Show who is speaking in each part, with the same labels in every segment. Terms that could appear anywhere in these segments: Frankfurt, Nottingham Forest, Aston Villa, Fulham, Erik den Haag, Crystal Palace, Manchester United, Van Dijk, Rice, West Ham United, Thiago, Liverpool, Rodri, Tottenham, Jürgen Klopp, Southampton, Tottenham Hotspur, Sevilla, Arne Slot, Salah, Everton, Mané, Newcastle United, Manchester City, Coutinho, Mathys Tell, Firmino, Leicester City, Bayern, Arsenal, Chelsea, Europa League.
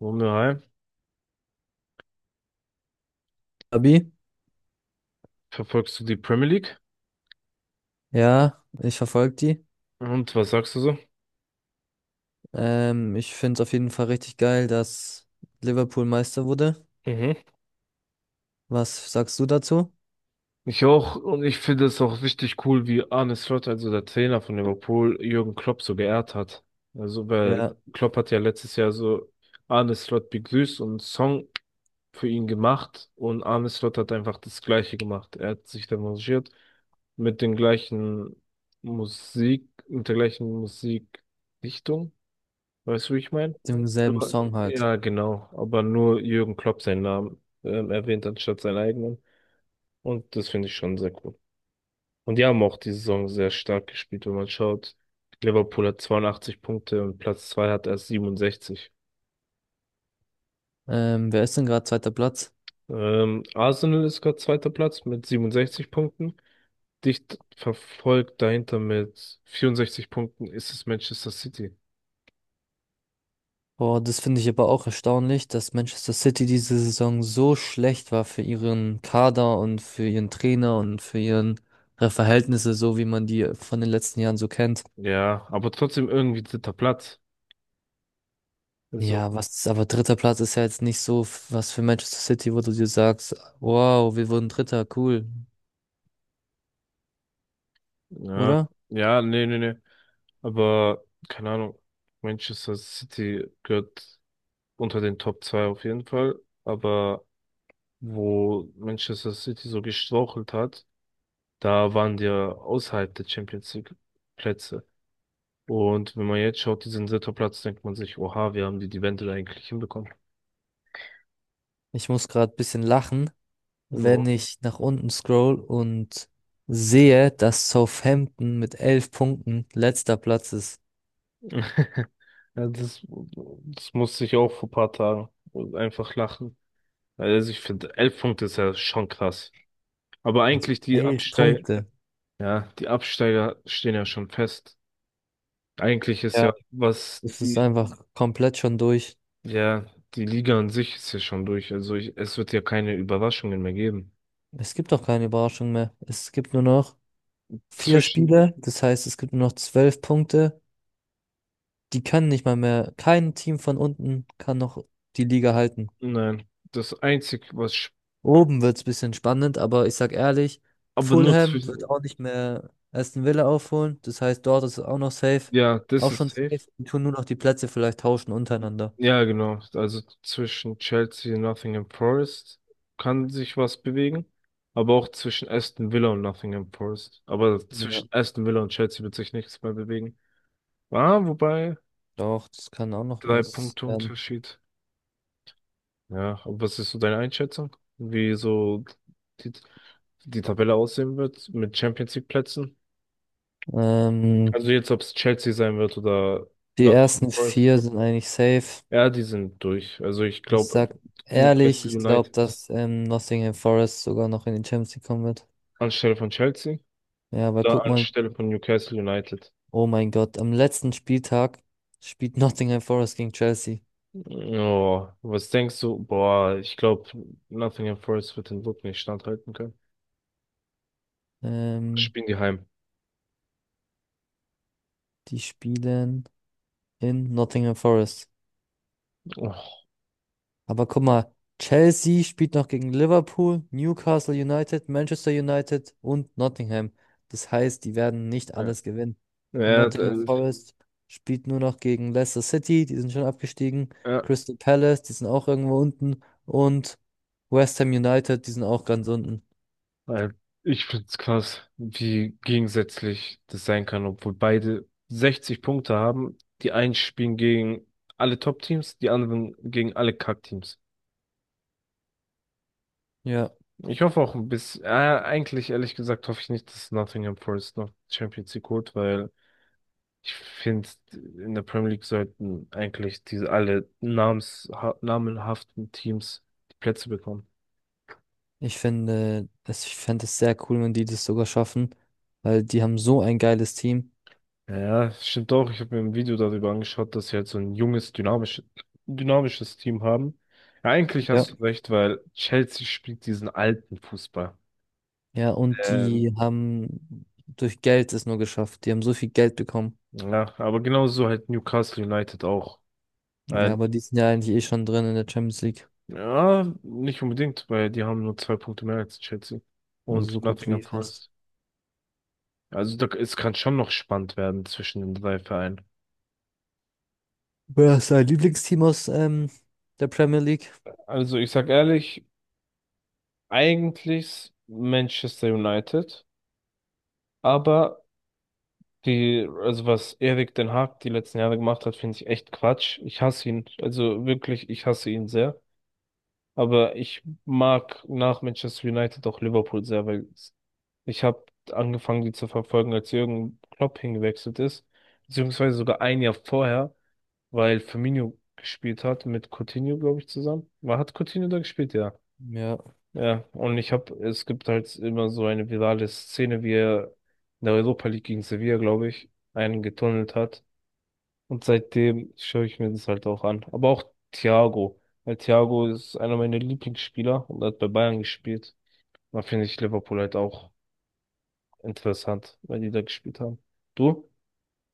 Speaker 1: Wunder, hi.
Speaker 2: Abi,
Speaker 1: Verfolgst du die Premier League?
Speaker 2: ja, ich verfolge die.
Speaker 1: Und was sagst du so?
Speaker 2: Ich finde es auf jeden Fall richtig geil, dass Liverpool Meister wurde.
Speaker 1: Mhm.
Speaker 2: Was sagst du dazu?
Speaker 1: Ich auch, und ich finde es auch richtig cool, wie Arne Slot, also der Trainer von Liverpool, Jürgen Klopp so geehrt hat. Also, weil
Speaker 2: Ja,
Speaker 1: Klopp hat ja letztes Jahr so Arne Slot begrüßt und einen Song für ihn gemacht und Arne Slot hat einfach das Gleiche gemacht. Er hat sich demonstriert mit den gleichen Musik, mit der gleichen Musikrichtung. Weißt du, wie ich meine?
Speaker 2: dem selben Song halt.
Speaker 1: Ja, genau. Aber nur Jürgen Klopp seinen Namen erwähnt anstatt seinen eigenen. Und das finde ich schon sehr cool. Und die haben auch die Saison sehr stark gespielt, wenn man schaut. Liverpool hat 82 Punkte und Platz zwei hat erst 67.
Speaker 2: Wer ist denn gerade zweiter Platz?
Speaker 1: Arsenal ist gerade zweiter Platz mit 67 Punkten. Dicht verfolgt dahinter mit 64 Punkten ist es Manchester City.
Speaker 2: Boah, das finde ich aber auch erstaunlich, dass Manchester City diese Saison so schlecht war für ihren Kader und für ihren Trainer und für ihre Verhältnisse, so wie man die von den letzten Jahren so kennt.
Speaker 1: Ja, aber trotzdem irgendwie dritter Platz. So.
Speaker 2: Ja, was, aber dritter Platz ist ja jetzt nicht so was für Manchester City, wo du dir sagst, wow, wir wurden Dritter, cool,
Speaker 1: Ja,
Speaker 2: oder?
Speaker 1: ja, nee, nee, nee. Aber keine Ahnung, Manchester City gehört unter den Top 2 auf jeden Fall. Aber wo Manchester City so gestrauchelt hat, da waren die ja außerhalb der Champions League Plätze. Und wenn man jetzt schaut, die sind dritter Platz, denkt man sich, oha, wir haben die Wende eigentlich hinbekommen.
Speaker 2: Ich muss gerade ein bisschen lachen,
Speaker 1: Ja.
Speaker 2: wenn ich nach unten scroll und sehe, dass Southampton mit 11 Punkten letzter Platz ist.
Speaker 1: Ja, das musste ich auch vor ein paar Tagen einfach lachen. Also ich finde, 11 Punkte ist ja schon krass. Aber
Speaker 2: Also
Speaker 1: eigentlich die
Speaker 2: elf
Speaker 1: Absteig
Speaker 2: Punkte.
Speaker 1: Ja, die Absteiger stehen ja schon fest. Eigentlich ist
Speaker 2: Ja.
Speaker 1: ja,
Speaker 2: Es ist einfach komplett schon durch.
Speaker 1: ja, die Liga an sich ist ja schon durch. Also es wird ja keine Überraschungen mehr geben.
Speaker 2: Es gibt auch keine Überraschung mehr. Es gibt nur noch vier
Speaker 1: Zwischen,
Speaker 2: Spiele, das heißt, es gibt nur noch 12 Punkte. Die können nicht mal mehr, kein Team von unten kann noch die Liga halten.
Speaker 1: nein, das einzig, was,
Speaker 2: Oben wird's bisschen spannend, aber ich sag ehrlich,
Speaker 1: aber nur
Speaker 2: Fulham wird
Speaker 1: zwischen,
Speaker 2: auch nicht mehr Aston Villa aufholen. Das heißt, dort ist es auch noch safe.
Speaker 1: ja, das
Speaker 2: Auch
Speaker 1: ist
Speaker 2: schon
Speaker 1: safe.
Speaker 2: safe. Die tun nur noch die Plätze vielleicht tauschen untereinander.
Speaker 1: Ja, genau. Also zwischen Chelsea und Nottingham Forest kann sich was bewegen. Aber auch zwischen Aston Villa und Nottingham Forest. Aber
Speaker 2: Ja,
Speaker 1: zwischen Aston Villa und Chelsea wird sich nichts mehr bewegen. Ah, wobei,
Speaker 2: doch, das kann auch noch
Speaker 1: drei
Speaker 2: was
Speaker 1: Punkte
Speaker 2: werden.
Speaker 1: Unterschied. Ja, aber was ist so deine Einschätzung? Wie so die, die Tabelle aussehen wird mit Champions League Plätzen?
Speaker 2: Ähm,
Speaker 1: Also jetzt, ob es Chelsea sein wird oder
Speaker 2: Die
Speaker 1: Nottingham
Speaker 2: ersten
Speaker 1: Forest.
Speaker 2: vier sind eigentlich safe.
Speaker 1: Ja, die sind durch. Also ich
Speaker 2: Ich
Speaker 1: glaube,
Speaker 2: sag ehrlich,
Speaker 1: Newcastle
Speaker 2: ich glaube,
Speaker 1: United
Speaker 2: dass Nottingham Forest sogar noch in die Champions League kommen wird.
Speaker 1: anstelle von Chelsea,
Speaker 2: Ja, aber
Speaker 1: da
Speaker 2: guck mal,
Speaker 1: anstelle von Newcastle United.
Speaker 2: oh mein Gott, am letzten Spieltag spielt Nottingham Forest gegen Chelsea.
Speaker 1: Oh, was denkst du? Boah, ich glaube, Nottingham Forest wird den Druck nicht standhalten können.
Speaker 2: Ähm,
Speaker 1: Spielen die heim.
Speaker 2: Die spielen in Nottingham Forest.
Speaker 1: Oh.
Speaker 2: Aber guck mal, Chelsea spielt noch gegen Liverpool, Newcastle United, Manchester United und Nottingham. Das heißt, die werden nicht
Speaker 1: Ja,
Speaker 2: alles gewinnen. Und
Speaker 1: ja,
Speaker 2: Nottingham
Speaker 1: das,
Speaker 2: Forest spielt nur noch gegen Leicester City, die sind schon abgestiegen,
Speaker 1: ja.
Speaker 2: Crystal Palace, die sind auch irgendwo unten und West Ham United, die sind auch ganz unten.
Speaker 1: Weil ich find's krass, wie gegensätzlich das sein kann, obwohl beide 60 Punkte haben. Die einen spielen gegen alle Top-Teams, die anderen gegen alle Kack-Teams.
Speaker 2: Ja.
Speaker 1: Ich hoffe auch ein bisschen, eigentlich ehrlich gesagt hoffe ich nicht, dass Nottingham Forest noch Champions League holt, weil ich finde, in der Premier League sollten eigentlich diese alle namenhaften Teams die Plätze bekommen.
Speaker 2: Ich finde, es, ich fände es sehr cool, wenn die das sogar schaffen, weil die haben so ein geiles Team.
Speaker 1: Ja, stimmt auch. Ich habe mir ein Video darüber angeschaut, dass sie halt so ein junges, dynamisches Team haben. Ja, eigentlich
Speaker 2: Ja.
Speaker 1: hast du recht, weil Chelsea spielt diesen alten Fußball.
Speaker 2: Ja, und
Speaker 1: Ähm,
Speaker 2: die haben durch Geld es nur geschafft. Die haben so viel Geld bekommen.
Speaker 1: ja, aber genauso halt Newcastle United auch.
Speaker 2: Ja,
Speaker 1: Weil,
Speaker 2: aber die sind ja eigentlich eh schon drin in der Champions League.
Speaker 1: ja, nicht unbedingt, weil die haben nur zwei Punkte mehr als Chelsea
Speaker 2: Also
Speaker 1: und
Speaker 2: so gut wie
Speaker 1: Nottingham
Speaker 2: fast.
Speaker 1: Forest. Also da, es kann schon noch spannend werden zwischen den drei Vereinen.
Speaker 2: Wer ist dein Lieblingsteam aus der Premier League?
Speaker 1: Also ich sag ehrlich, eigentlich Manchester United, aber also was Erik den Haag die letzten Jahre gemacht hat, finde ich echt Quatsch. Ich hasse ihn. Also wirklich, ich hasse ihn sehr. Aber ich mag nach Manchester United auch Liverpool sehr, weil ich habe angefangen, die zu verfolgen, als Jürgen Klopp hingewechselt ist. Beziehungsweise sogar ein Jahr vorher, weil Firmino gespielt hat mit Coutinho, glaube ich, zusammen. Hat Coutinho da gespielt? Ja.
Speaker 2: Ja.
Speaker 1: Ja. Und es gibt halt immer so eine virale Szene, wie er in der Europa League gegen Sevilla, glaube ich, einen getunnelt hat. Und seitdem schaue ich mir das halt auch an. Aber auch Thiago. Weil Thiago ist einer meiner Lieblingsspieler und hat bei Bayern gespielt. Da finde ich Liverpool halt auch interessant, weil die da gespielt haben. Du?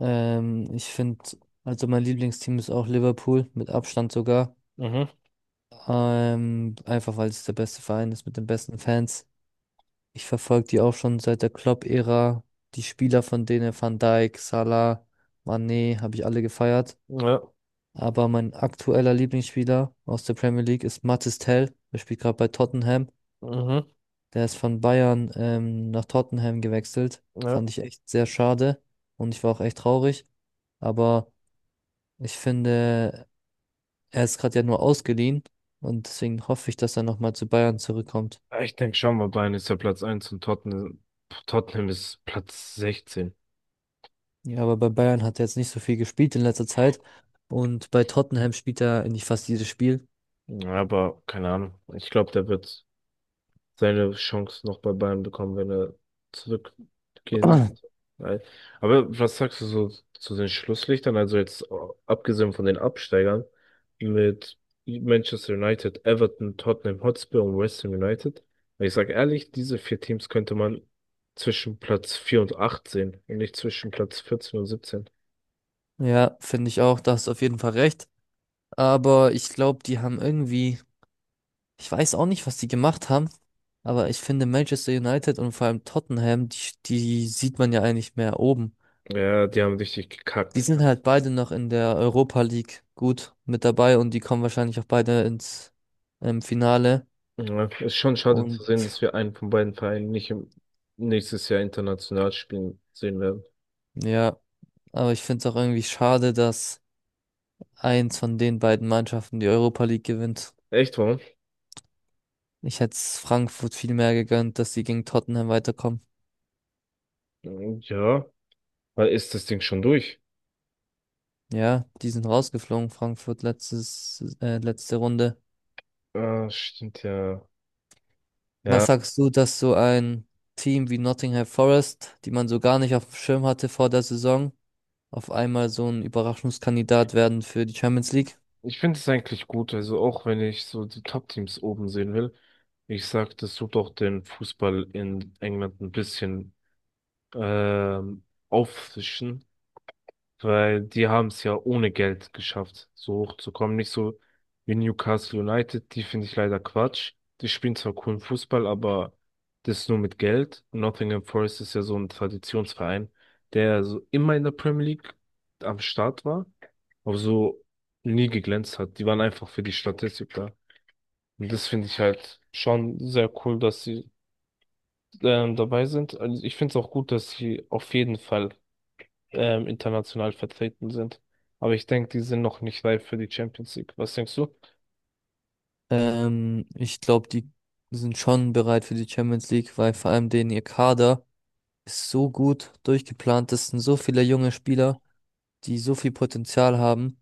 Speaker 2: Ich finde, also mein Lieblingsteam ist auch Liverpool, mit Abstand sogar.
Speaker 1: Mhm.
Speaker 2: Einfach weil es der beste Verein ist mit den besten Fans. Ich verfolge die auch schon seit der Klopp-Ära. Die Spieler von denen, Van Dijk, Salah, Mané, habe ich alle gefeiert.
Speaker 1: Ja.
Speaker 2: Aber mein aktueller Lieblingsspieler aus der Premier League ist Mathys Tell. Der spielt gerade bei Tottenham.
Speaker 1: Mhm.
Speaker 2: Der ist von Bayern nach Tottenham gewechselt.
Speaker 1: Ja.
Speaker 2: Fand ich echt sehr schade. Und ich war auch echt traurig. Aber ich finde, er ist gerade ja nur ausgeliehen. Und deswegen hoffe ich, dass er nochmal zu Bayern zurückkommt.
Speaker 1: Ich denke schon, mal Bayern ist ja Platz eins und Tottenham ist Platz 16.
Speaker 2: Ja, aber bei Bayern hat er jetzt nicht so viel gespielt in letzter Zeit. Und bei Tottenham spielt er eigentlich fast jedes Spiel.
Speaker 1: Ja, aber keine Ahnung. Ich glaube, der wird seine Chance noch bei Bayern bekommen, wenn er zurückgehen sollte. Weil- Aber was sagst du so zu den Schlusslichtern? Also jetzt abgesehen von den Absteigern mit Manchester United, Everton, Tottenham Hotspur und West Ham United. Weil ich sage ehrlich, diese vier Teams könnte man zwischen Platz 4 und 8 sehen und nicht zwischen Platz 14 und 17.
Speaker 2: Ja, finde ich auch, da hast du auf jeden Fall recht. Aber ich glaube, die haben irgendwie, ich weiß auch nicht, was die gemacht haben, aber ich finde Manchester United und vor allem Tottenham, die sieht man ja eigentlich mehr oben.
Speaker 1: Ja, die haben richtig
Speaker 2: Die
Speaker 1: gekackt.
Speaker 2: sind halt beide noch in der Europa League gut mit dabei und die kommen wahrscheinlich auch beide ins Finale.
Speaker 1: Ja, ist schon schade
Speaker 2: Und
Speaker 1: zu sehen, dass wir einen von beiden Vereinen nicht nächstes Jahr international spielen sehen werden.
Speaker 2: ja, aber ich finde es auch irgendwie schade, dass eins von den beiden Mannschaften die Europa League gewinnt.
Speaker 1: Echt, warum?
Speaker 2: Ich hätte es Frankfurt viel mehr gegönnt, dass sie gegen Tottenham weiterkommen.
Speaker 1: Ja, weil ist das Ding schon durch?
Speaker 2: Ja, die sind rausgeflogen, Frankfurt letzte Runde.
Speaker 1: Ah, stimmt ja.
Speaker 2: Was
Speaker 1: Ja,
Speaker 2: sagst du, dass so ein Team wie Nottingham Forest, die man so gar nicht auf dem Schirm hatte vor der Saison, auf einmal so ein Überraschungskandidat werden für die Champions League?
Speaker 1: ich finde es eigentlich gut. Also auch wenn ich so die Top-Teams oben sehen will, ich sag, das tut auch den Fußball in England ein bisschen ähm, auffrischen. Weil die haben es ja ohne Geld geschafft, so hochzukommen. Nicht so wie Newcastle United, die finde ich leider Quatsch. Die spielen zwar coolen Fußball, aber das nur mit Geld. Nottingham Forest ist ja so ein Traditionsverein, der ja so immer in der Premier League am Start war, aber so nie geglänzt hat. Die waren einfach für die Statistik da. Und das finde ich halt schon sehr cool, dass sie dabei sind. Also ich finde es auch gut, dass sie auf jeden Fall international vertreten sind. Aber ich denke, die sind noch nicht reif für die Champions League. Was denkst du?
Speaker 2: Ich glaube, die sind schon bereit für die Champions League, weil vor allem denen ihr Kader ist so gut durchgeplant. Das sind so viele junge Spieler. Die so viel Potenzial haben.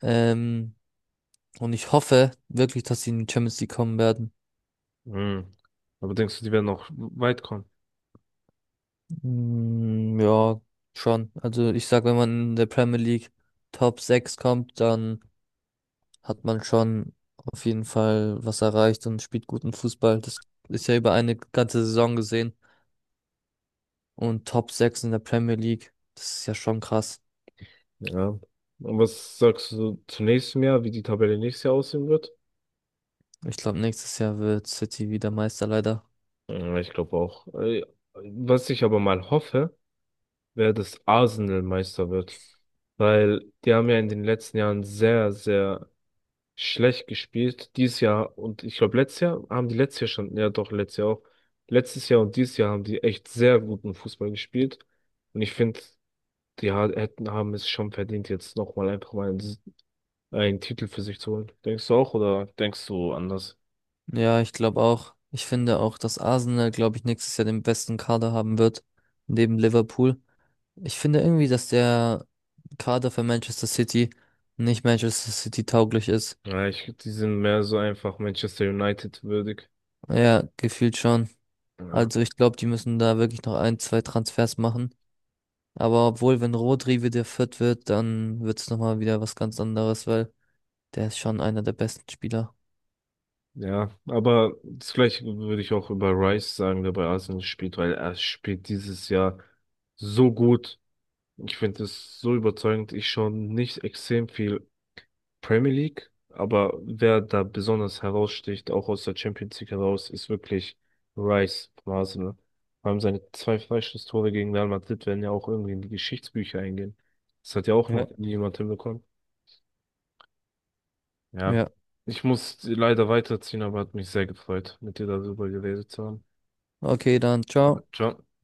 Speaker 2: Ähm, und ich hoffe wirklich, dass sie in die Champions League kommen werden.
Speaker 1: Hm. Aber denkst du, die werden noch weit kommen?
Speaker 2: Mm, ja, schon. Also ich sag, wenn man in der Premier League Top 6 kommt, dann hat man schon auf jeden Fall was erreicht und spielt guten Fußball. Das ist ja über eine ganze Saison gesehen. Und Top 6 in der Premier League, das ist ja schon krass.
Speaker 1: Ja. Und was sagst du zu nächstem Jahr, wie die Tabelle nächstes Jahr aussehen wird?
Speaker 2: Ich glaube, nächstes Jahr wird City wieder Meister, leider.
Speaker 1: Ja, ich glaube auch. Was ich aber mal hoffe, wäre, dass Arsenal Meister wird. Weil die haben ja in den letzten Jahren sehr, sehr schlecht gespielt. Dieses Jahr und ich glaube, letztes Jahr haben die letztes Jahr schon, ja doch, letztes Jahr auch. Letztes Jahr und dieses Jahr haben die echt sehr guten Fußball gespielt. Und ich finde, die haben es schon verdient, jetzt nochmal einfach mal einen Titel für sich zu holen. Denkst du auch oder denkst du anders?
Speaker 2: Ja, ich glaube auch. Ich finde auch, dass Arsenal, glaube ich, nächstes Jahr den besten Kader haben wird, neben Liverpool. Ich finde irgendwie, dass der Kader für Manchester City nicht Manchester City tauglich ist.
Speaker 1: Ja, die sind mehr so einfach Manchester United würdig.
Speaker 2: Ja, gefühlt schon.
Speaker 1: Ja,
Speaker 2: Also ich glaube, die müssen da wirklich noch ein, zwei Transfers machen. Aber obwohl, wenn Rodri wieder fit wird, dann wird es nochmal wieder was ganz anderes, weil der ist schon einer der besten Spieler.
Speaker 1: ja, aber das Gleiche würde ich auch über Rice sagen, der bei Arsenal spielt, weil er spielt dieses Jahr so gut. Ich finde es so überzeugend. Ich schaue nicht extrem viel Premier League, aber wer da besonders heraussticht, auch aus der Champions League heraus, ist wirklich Rice von Arsenal. Vor allem seine zwei Freistoßtore gegen Real Madrid werden ja auch irgendwie in die Geschichtsbücher eingehen. Das hat ja auch
Speaker 2: Ja.
Speaker 1: noch nie jemand hinbekommen. Ja.
Speaker 2: Ja,
Speaker 1: Ich muss leider weiterziehen, aber hat mich sehr gefreut, mit dir darüber geredet zu haben.
Speaker 2: okay, dann
Speaker 1: Ja,
Speaker 2: ciao.
Speaker 1: Ciao.